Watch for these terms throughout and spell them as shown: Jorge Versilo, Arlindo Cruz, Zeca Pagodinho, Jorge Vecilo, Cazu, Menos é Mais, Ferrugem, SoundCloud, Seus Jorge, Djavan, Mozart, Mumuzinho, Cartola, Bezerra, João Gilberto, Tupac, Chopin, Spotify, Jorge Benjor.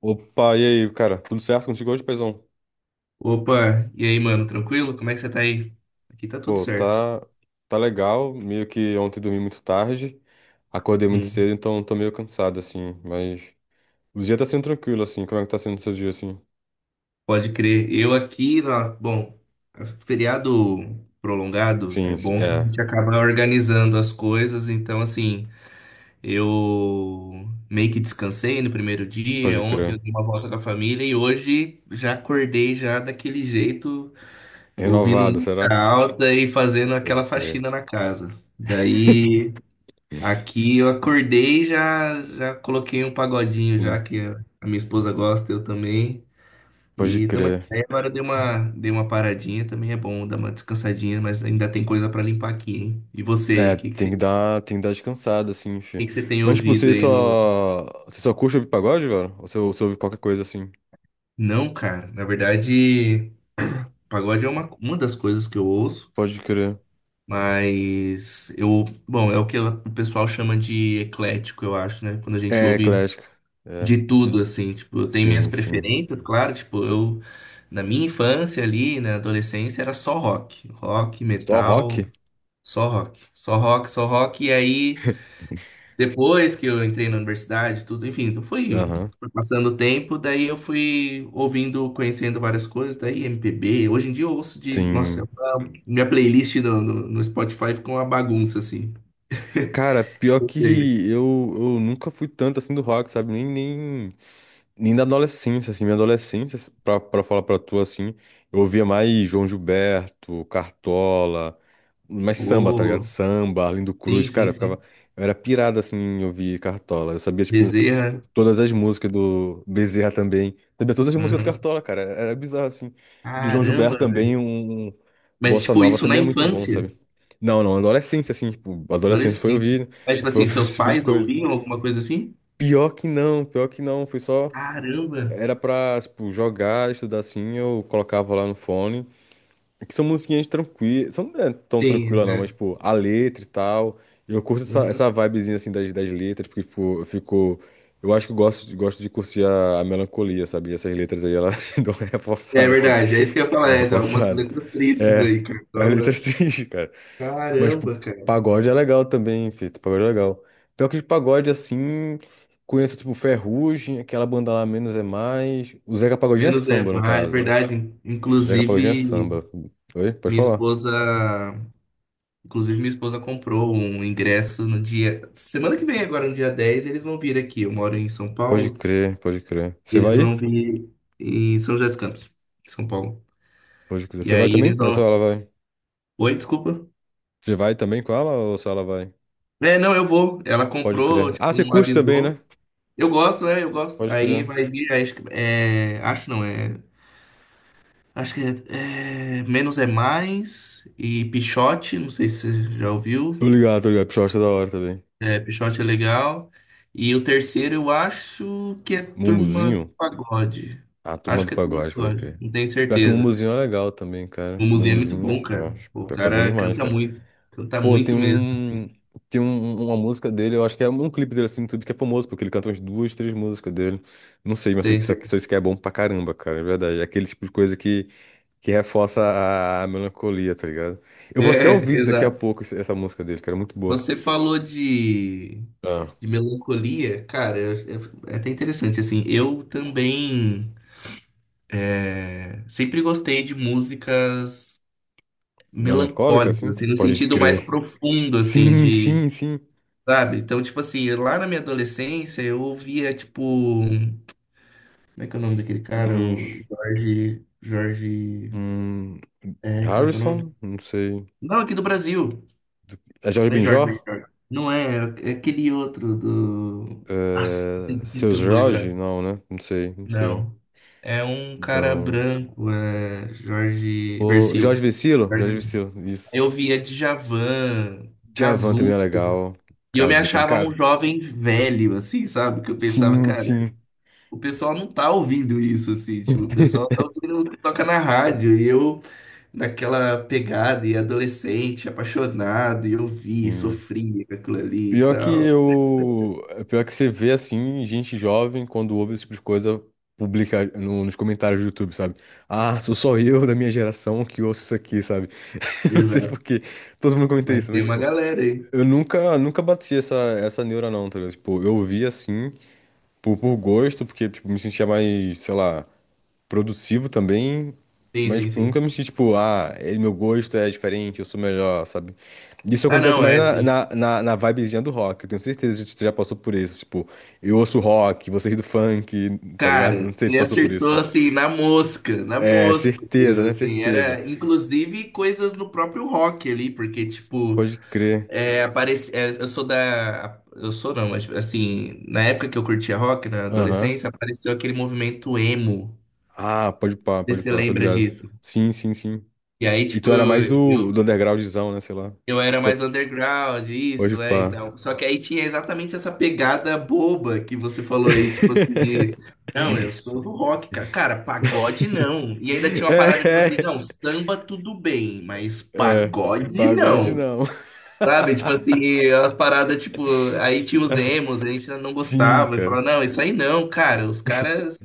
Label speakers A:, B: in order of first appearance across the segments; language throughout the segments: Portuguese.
A: Opa, e aí, cara? Tudo certo contigo hoje, paizão?
B: Opa, e aí, mano, tranquilo? Como é que você tá aí? Aqui tá tudo
A: Pô,
B: certo.
A: tá, tá legal. Meio que ontem dormi muito tarde, acordei muito
B: Hum,
A: cedo, então tô meio cansado, assim. Mas o dia tá sendo tranquilo, assim. Como é que tá sendo o seu dia, assim?
B: pode crer. Eu aqui, bom, feriado prolongado é
A: Sim, sim,
B: bom que a
A: é,
B: gente acaba organizando as coisas, então assim, eu meio que descansei no primeiro dia,
A: pode
B: ontem eu
A: crer.
B: dei uma volta com a família e hoje já acordei já daquele jeito, ouvindo
A: Renovado,
B: música
A: será?
B: alta e fazendo
A: Pode
B: aquela
A: crer.
B: faxina na casa. Daí. Aqui eu acordei e já coloquei um pagodinho já
A: Sim,
B: que a minha esposa gosta, eu também.
A: pode
B: E estamos aqui.
A: crer.
B: Aí agora eu dei uma paradinha, também é bom dar uma descansadinha, mas ainda tem coisa para limpar aqui, hein? E você aí,
A: É,
B: o
A: tem que dar descansada, assim, fi.
B: que que você tem
A: Mas, tipo,
B: ouvido aí no...
A: você só curte ouvir pagode, velho? Ou você, você ouve qualquer coisa, assim?
B: Não, cara, na verdade, pagode é uma das coisas que eu ouço,
A: Pode crer.
B: mas eu, bom, é o que o pessoal chama de eclético, eu acho, né? Quando a gente
A: É,
B: ouve
A: eclético. É,
B: de tudo, assim, tipo, eu tenho minhas
A: sim, sim.
B: preferências, claro, tipo, eu, na minha infância ali, na adolescência, era só rock, rock,
A: Só
B: metal,
A: rock?
B: só rock, só rock, só rock, e aí, depois que eu entrei na universidade, tudo, enfim, então foi,
A: Aham.
B: foi passando o tempo, daí eu fui ouvindo, conhecendo várias coisas, daí MPB, hoje em dia eu ouço de, nossa,
A: Sim.
B: minha playlist no Spotify ficou uma bagunça, assim,
A: Cara, pior
B: não
A: que
B: sei,
A: eu, eu nunca fui tanto assim do rock, sabe? Nem, nem, nem da adolescência, assim. Minha adolescência, pra falar pra tu, assim, eu ouvia mais João Gilberto, Cartola, mais samba, tá ligado?
B: oh,
A: Samba, Arlindo
B: sim,
A: Cruz, cara,
B: sim,
A: eu ficava.
B: sim,
A: Eu era pirado, assim, em ouvir Cartola. Eu sabia, tipo.
B: Bezerra,
A: Todas as músicas do Bezerra também. Também todas as músicas do
B: uhum.
A: Cartola, cara. Era bizarro, assim. Do João Gilberto
B: Caramba,
A: também, um
B: mas,
A: Bossa
B: tipo,
A: Nova
B: isso na
A: também é muito bom, sabe?
B: infância,
A: Não, não, adolescência, assim, tipo, adolescência foi
B: adolescência.
A: ouvir,
B: Mas, tipo assim, seus
A: esse tipo de
B: pais
A: coisa.
B: ouviam alguma coisa assim?
A: Pior que não, foi só.
B: Caramba!
A: Era pra, tipo, jogar, estudar assim, eu colocava lá no fone. É que são musiquinhas tranquilas. São, não é tão
B: Sim,
A: tranquila não, mas,
B: né?
A: tipo, a letra e tal. Eu curto essa,
B: Uhum.
A: essa vibezinha, assim, das letras, porque, tipo, eu fico. Eu acho que eu gosto, gosto de curtir a melancolia, sabe? E essas letras aí, elas dão uma
B: É
A: reforçada, assim.
B: verdade, é isso que eu ia falar,
A: Dão uma
B: é, tem algumas
A: reforçada.
B: letras tristes
A: É,
B: aí,
A: é uma
B: Cartola,
A: letra
B: né?
A: triste, cara. Mas, tipo,
B: Caramba, cara.
A: pagode é legal também, feito. Pagode é legal. Pior que de pagode, assim, conheço, tipo, Ferrugem, aquela banda lá, Menos é Mais. O Zeca Pagodinho é
B: Menos é
A: samba, no
B: mais, é
A: caso, né?
B: verdade.
A: O Zeca Pagodinho é
B: Inclusive,
A: samba. Oi? Pode
B: minha
A: falar.
B: esposa, minha esposa comprou um ingresso no dia, semana que vem agora, no dia 10 eles vão vir aqui. Eu moro em São
A: Pode
B: Paulo,
A: crer, pode crer. Você
B: eles
A: vai
B: vão
A: ir?
B: vir em São José dos Campos, em São Paulo.
A: Pode crer.
B: E
A: Você vai
B: aí
A: também?
B: eles
A: Ou só
B: vão.
A: ela vai?
B: Oi, desculpa.
A: Você vai também com ela ou só ela vai?
B: É, não, eu vou. Ela
A: Pode
B: comprou,
A: crer. Ah,
B: tipo,
A: você
B: não
A: curte também,
B: avisou.
A: né?
B: Eu gosto, é, eu gosto.
A: Pode
B: Aí
A: crer.
B: vai vir, é, acho que, é, acho não, é, acho que é Menos é Mais e Pichote, não sei se você já ouviu.
A: Tô ligado, tô ligado. Puxa, eu acho da hora também.
B: É, Pichote é legal. E o terceiro eu acho que é Turma do
A: Mumuzinho?
B: Pagode.
A: A turma
B: Acho
A: do
B: que é Turma do
A: pagode, pode
B: Pagode,
A: crer.
B: não tenho
A: Pior que o
B: certeza.
A: Mumuzinho é legal também,
B: O
A: cara.
B: museu é muito
A: Mumuzinho,
B: bom,
A: pô,
B: cara. O
A: pior que é bom
B: cara
A: demais, cara.
B: canta
A: Pô, tem
B: muito mesmo.
A: um. Tem uma música dele, eu acho que é um clipe dele assim no YouTube que é famoso, porque ele canta umas duas, três músicas dele. Não sei, mas sei
B: Sei,
A: que isso
B: sei.
A: aqui sei que é bom pra caramba, cara, é verdade. É aquele tipo de coisa que reforça a melancolia, tá ligado? Eu vou até
B: É,
A: ouvir daqui a
B: exato.
A: pouco essa música dele, cara, é muito boa.
B: Você falou de
A: Ah,
B: De melancolia, cara, é, é até interessante, assim, eu também é, sempre gostei de músicas
A: melancólica,
B: melancólicas,
A: assim?
B: assim, no
A: Pode
B: sentido mais
A: crer.
B: profundo, assim,
A: Sim,
B: de,
A: sim, sim.
B: sabe? Então, tipo assim, lá na minha adolescência, eu ouvia, tipo, como é que é o nome daquele cara?
A: Uns-
B: O Jorge,
A: Hum,
B: é, como é que é o nome?
A: Harrison? Não sei.
B: Não, aqui do Brasil,
A: É Jorge
B: não é Jorge, não é
A: Benjor?
B: Jorge. Não é, é aquele outro do... Nossa, tem
A: É,
B: que
A: Seus
B: eu não vou
A: Jorge?
B: lembrar.
A: Não, né? Não sei, não sei.
B: Não. É um cara
A: Não.
B: branco, é Jorge
A: O Jorge
B: Versilo.
A: Vecilo,
B: Jorge
A: Jorge
B: Versilo.
A: Vecilo, isso.
B: Eu via Djavan,
A: Djavan também
B: Cazu,
A: é legal.
B: e eu me
A: Cazu também,
B: achava um
A: cara.
B: jovem velho, assim, sabe? Que eu pensava,
A: Sim,
B: cara,
A: sim.
B: o pessoal não tá ouvindo isso, assim, tipo, o pessoal tá ouvindo o que toca na rádio, e eu naquela pegada, e adolescente, apaixonado, e eu vi,
A: Sim.
B: sofria com aquilo ali e
A: Pior que
B: tal.
A: eu. Pior que você vê assim, gente jovem, quando ouve esse tipo de coisa, publica nos comentários do YouTube, sabe? Ah, sou só eu da minha geração que ouço isso aqui, sabe? Não sei por
B: Exato.
A: quê. Todo mundo comenta
B: Mas
A: isso, mas,
B: tem uma
A: tipo,
B: galera aí.
A: eu nunca, nunca bati essa neura, não, tá ligado? Tipo, eu ouvia assim, por gosto, porque, tipo, me sentia mais, sei lá. Produtivo também,
B: Sim,
A: mas
B: sim,
A: tipo, nunca
B: sim.
A: me senti tipo, ah, meu gosto é diferente, eu sou melhor, sabe? Isso
B: Ah,
A: acontece
B: não,
A: mais
B: é,
A: na,
B: sim.
A: na, na, na vibezinha do rock, eu tenho certeza que você já passou por isso. Tipo, eu ouço rock, vocês do funk, tá ligado?
B: Cara,
A: Não sei se
B: você
A: passou por
B: acertou
A: isso.
B: assim na
A: É,
B: mosca,
A: certeza,
B: mesmo,
A: né?
B: assim,
A: Certeza.
B: era inclusive coisas no próprio rock ali, porque tipo,
A: Pode crer.
B: é, aparece, é, eu sou não, mas assim, na época que eu curtia rock, na
A: Aham.
B: adolescência, apareceu aquele movimento emo, não
A: Ah,
B: sei
A: pode
B: se você
A: pá, tô
B: lembra
A: ligado.
B: disso?
A: Sim, sim, sim.
B: E aí,
A: E
B: tipo,
A: tu era mais do
B: eu,
A: undergroundzão, né? Sei lá.
B: Eu era
A: Tipo,
B: mais underground,
A: pode
B: isso, é,
A: pá.
B: então. Só que aí tinha exatamente essa pegada boba que você falou aí, tipo assim, não, eu sou do rock, cara. Cara, pagode não. E ainda tinha uma parada, tipo assim,
A: É.
B: não, samba tudo bem, mas
A: É,
B: pagode
A: pagode
B: não.
A: não.
B: Sabe? Tipo assim, as paradas, tipo, aí que os
A: É,
B: emos, a gente não
A: sim,
B: gostava. E
A: cara.
B: falava, não, isso aí não, cara, os caras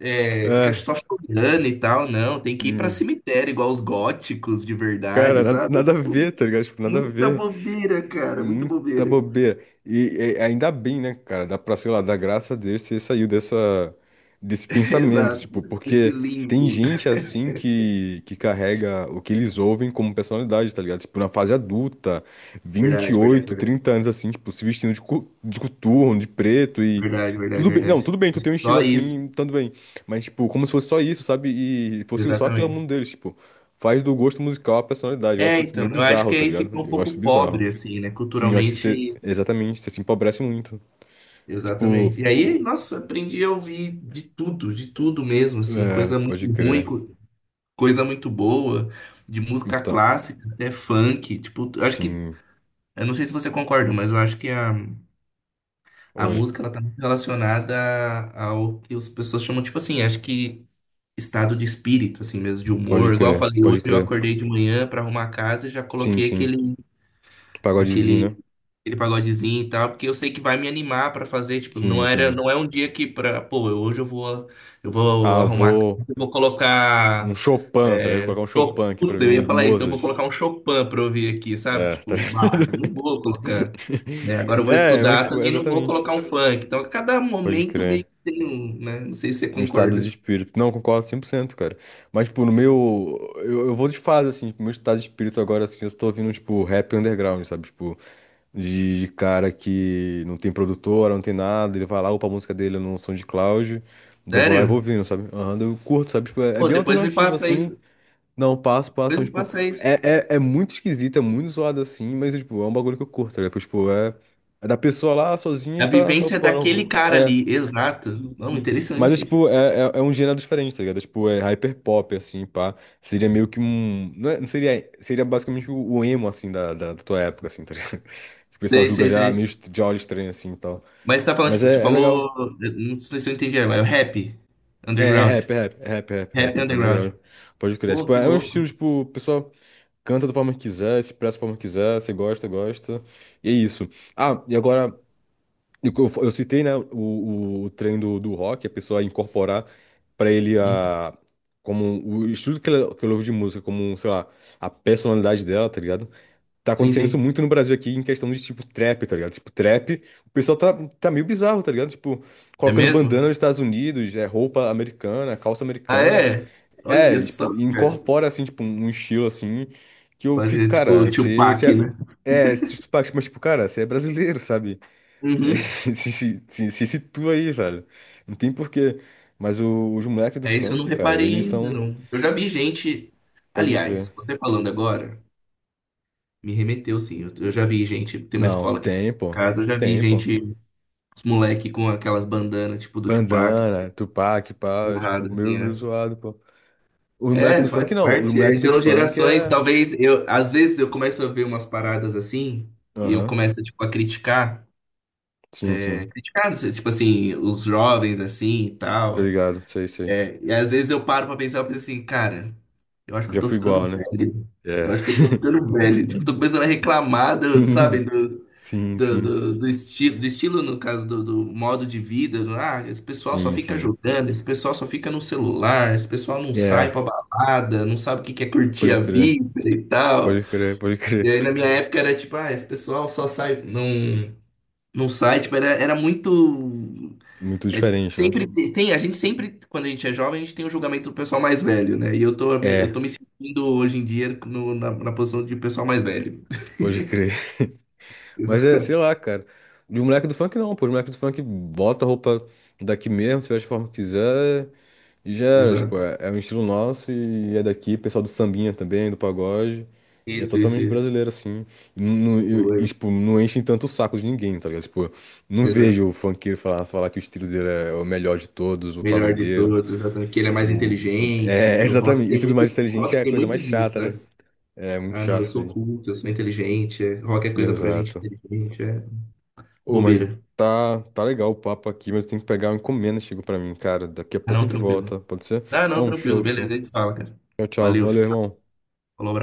B: é, fica
A: É.
B: só chorando e tal, não, tem que ir pra
A: Hum.
B: cemitério, igual os góticos de
A: Cara,
B: verdade, sabe?
A: nada a ver, tá ligado? Tipo, nada a
B: Muita
A: ver.
B: bobeira, cara, muita
A: Muita
B: bobeira.
A: bobeira. E ainda bem, né, cara? Dá pra, sei lá, dar graça a Deus você saiu dessa, desse pensamento,
B: Exato.
A: tipo,
B: Esse
A: porque tem
B: limbo.
A: gente assim que carrega o que eles ouvem como personalidade, tá ligado? Tipo, na fase adulta, vinte
B: Verdade,
A: e
B: verdade,
A: oito
B: verdade.
A: trinta anos assim, tipo, se vestindo de, de coturno, de preto e.
B: Verdade, verdade,
A: Tudo bem, não,
B: verdade.
A: tudo bem, tu tem um estilo
B: Só isso,
A: assim, tanto bem. Mas, tipo, como se fosse só isso, sabe? E fosse só aquilo ao
B: exatamente.
A: mundo deles, tipo, faz do gosto musical a personalidade. Eu
B: É,
A: acho isso
B: então,
A: meio
B: eu acho
A: bizarro,
B: que
A: tá
B: aí fica
A: ligado?
B: um
A: Eu
B: pouco
A: acho bizarro.
B: pobre, assim, né?
A: Sim, eu acho que você.
B: Culturalmente,
A: Exatamente, você se empobrece muito. Tipo,
B: exatamente. E aí, nossa, aprendi a ouvir de tudo mesmo, assim,
A: é,
B: coisa muito
A: pode
B: ruim,
A: crer.
B: coisa muito boa, de música
A: Então,
B: clássica até funk. Tipo, eu acho que,
A: sim.
B: eu não sei se você concorda, mas eu acho que a
A: Oi,
B: música, ela tá muito relacionada ao que as pessoas chamam, tipo assim, acho que estado de espírito, assim mesmo, de
A: pode
B: humor. Igual eu
A: crer,
B: falei,
A: pode
B: hoje eu
A: crer.
B: acordei de manhã pra arrumar a casa e já
A: Sim,
B: coloquei
A: sim.
B: aquele,
A: Pagodezinho, né?
B: aquele aquele pagodezinho e tal, porque eu sei que vai me animar pra fazer, tipo, não
A: Sim,
B: era,
A: sim.
B: não é um dia que pra, pô, hoje eu vou
A: Ah,
B: arrumar,
A: vou.
B: eu vou
A: Um
B: colocar
A: Chopin, tá ligado?
B: é,
A: Vou colocar um
B: Chopin,
A: Chopin aqui pra
B: puta,
A: ver
B: eu
A: um
B: ia falar isso, eu vou
A: Mozart.
B: colocar um Chopin pra ouvir aqui, sabe?
A: É, tá
B: Tipo,
A: ligado?
B: bah, não vou colocar, né? Agora eu vou
A: É, mas,
B: estudar,
A: tipo,
B: também não vou
A: exatamente.
B: colocar um funk. Então, a cada
A: Pode
B: momento meio
A: crer.
B: que tem um, né? Não sei se você
A: Um estado de
B: concorda.
A: espírito. Não, concordo 100%, cara. Mas, tipo, no meu. Eu vou de fase, assim. Tipo, meu estado de espírito agora, assim, eu tô ouvindo, tipo, rap underground, sabe? Tipo. De cara que não tem produtora, não tem nada, ele vai lá, upa a música dele no SoundCloud, daí eu vou lá e vou
B: Sério?
A: ouvindo, sabe? Aham, daí eu curto, sabe? Tipo, é, é
B: Pô,
A: bem
B: depois me
A: alternativo,
B: passa
A: assim,
B: isso.
A: não, passo, passo,
B: Depois
A: mas,
B: me
A: tipo,
B: passa isso.
A: é, é muito esquisito, é muito zoado, assim, mas, tipo, é um bagulho que eu curto, tá ligado? Tipo, é, é da pessoa lá, sozinha,
B: É
A: e
B: a
A: tá
B: vivência daquele
A: upando,
B: cara
A: é.
B: ali, exato. Não,
A: Sim. Mas é
B: interessante.
A: tipo, é, é um gênero diferente, tá ligado? É, tipo, é hyperpop, assim, pá. Seria meio que um. Não, não seria. Seria basicamente o emo, assim, da tua época, assim, tá ligado? Que o pessoal
B: Sei,
A: julga
B: sei,
A: já meio
B: sei.
A: de olho estranho, assim e tal.
B: Mas você tá falando,
A: Mas
B: tipo, você
A: é, é
B: falou.
A: legal.
B: Não sei se eu entendi, mas é o rap
A: É, é
B: underground.
A: rap, é rap, é rap, é rap, é
B: Rap
A: rap, é
B: underground.
A: underground. Pode crer. É,
B: Pô,
A: tipo,
B: que
A: é um estilo,
B: louco.
A: tipo, o pessoal canta da forma que quiser, se expressa da forma que quiser, se gosta, gosta. E é isso. Ah, e agora. E o que eu citei, né, o, treino do rock, a pessoa incorporar para ele
B: Hum,
A: a, como um, o estilo que ela ouve de música, como, um, sei lá, a personalidade dela, tá ligado? Tá
B: Sim,
A: acontecendo isso
B: sim.
A: muito no Brasil aqui em questão de, tipo, trap, tá ligado? Tipo, trap, o pessoal tá, meio bizarro, tá ligado? Tipo,
B: É
A: colocando
B: mesmo?
A: bandana nos Estados Unidos, é, roupa americana, calça
B: Ah,
A: americana.
B: é?
A: É,
B: Olha
A: tipo,
B: só, cara.
A: incorpora, assim, tipo, um estilo, assim, que eu
B: Pode
A: fico,
B: ser
A: cara,
B: tipo
A: você
B: Tupac, né?
A: é, é, tipo, mas, tipo, cara, você é brasileiro, sabe? É,
B: Uhum.
A: se situa aí, velho. Não tem porquê. Mas os moleques do
B: É isso, eu não
A: funk, cara,
B: reparei
A: eles
B: ainda,
A: são.
B: não. Eu já vi gente.
A: Pode crer.
B: Aliás, você falando agora, me remeteu, sim. Eu já vi gente. Tem uma
A: Não,
B: escola aqui em
A: tem, pô.
B: casa, eu já vi
A: Tem, pô.
B: gente, os moleque com aquelas bandanas, tipo do Tupac,
A: Bandana, Tupac, pá, tipo,
B: amarrado, assim,
A: meio, meio
B: é.
A: zoado, pô. Os moleques
B: É,
A: do funk
B: faz
A: não. Os
B: parte. É,
A: moleques do
B: são
A: funk
B: gerações,
A: é.
B: talvez eu, às vezes eu começo a ver umas paradas assim e eu
A: Aham.
B: começo tipo a criticar,
A: Sim,
B: é,
A: sim.
B: criticar, não sei, tipo assim, os jovens assim e
A: Tá
B: tal.
A: ligado? Sei, sei.
B: É, e às vezes eu paro pra pensar, eu penso assim, cara, eu acho que eu
A: Já
B: tô
A: fui igual,
B: ficando
A: né?
B: velho.
A: É.
B: Eu acho que eu tô ficando velho. Tipo, tô começando a reclamar, sabe,
A: Sim,
B: do-
A: sim,
B: do,
A: sim.
B: do, do, esti do estilo, no caso, do modo de vida, do, ah, esse pessoal só
A: Sim,
B: fica
A: sim.
B: jogando, esse pessoal só fica no celular, esse pessoal não
A: É,
B: sai pra balada, não sabe o que que é curtir a
A: pode crer.
B: vida e tal.
A: Pode crer, pode
B: E
A: crer.
B: aí, na minha época, era tipo, ah, esse pessoal só sai, não, não sai, tipo, era, era muito...
A: Muito
B: é,
A: diferente, né?
B: sempre tem, a gente sempre, quando a gente é jovem, a gente tem o julgamento do pessoal mais velho, né? E eu
A: É,
B: tô me sentindo hoje em dia no- na, na posição de pessoal mais velho.
A: pode crer. Mas é, sei lá, cara. De um moleque do funk não, pô. Os moleques do funk bota a roupa daqui mesmo, se veste forma que quiser, e já era, tipo,
B: Exato.
A: é, é um estilo nosso e é daqui, pessoal do sambinha também, do pagode. E é
B: Isso, isso,
A: totalmente
B: isso.
A: brasileiro, assim. E, e,
B: Boa.
A: tipo, não enchem tanto o saco de ninguém, tá ligado? Tipo, não vejo o funkeiro falar, falar que o estilo dele é o melhor de todos, o
B: Melhor de
A: pagodeiro,
B: todos, exatamente. Que ele é mais
A: o sam-
B: inteligente,
A: É,
B: que o rock
A: exatamente.
B: tem
A: Esse do
B: muito,
A: mais
B: o
A: inteligente
B: rock
A: é a
B: tem
A: coisa
B: muito
A: mais
B: disso,
A: chata, né?
B: né?
A: É muito
B: Ah, não,
A: chato
B: eu
A: isso
B: sou
A: aí.
B: culto, eu sou inteligente, é, rock é coisa pra gente
A: Exato.
B: inteligente. É
A: Ô, mas
B: bobeira.
A: tá legal o papo aqui, mas eu tenho que pegar uma encomenda, que chegou pra mim, cara. Daqui a
B: Ah,
A: pouco a
B: não,
A: gente volta,
B: tranquilo.
A: pode ser?
B: Ah, não,
A: Não, show,
B: tranquilo. Beleza,
A: show.
B: a gente fala, cara.
A: Tchau, tchau.
B: Valeu, tchau,
A: Valeu,
B: tchau.
A: irmão.
B: Falou, abraço.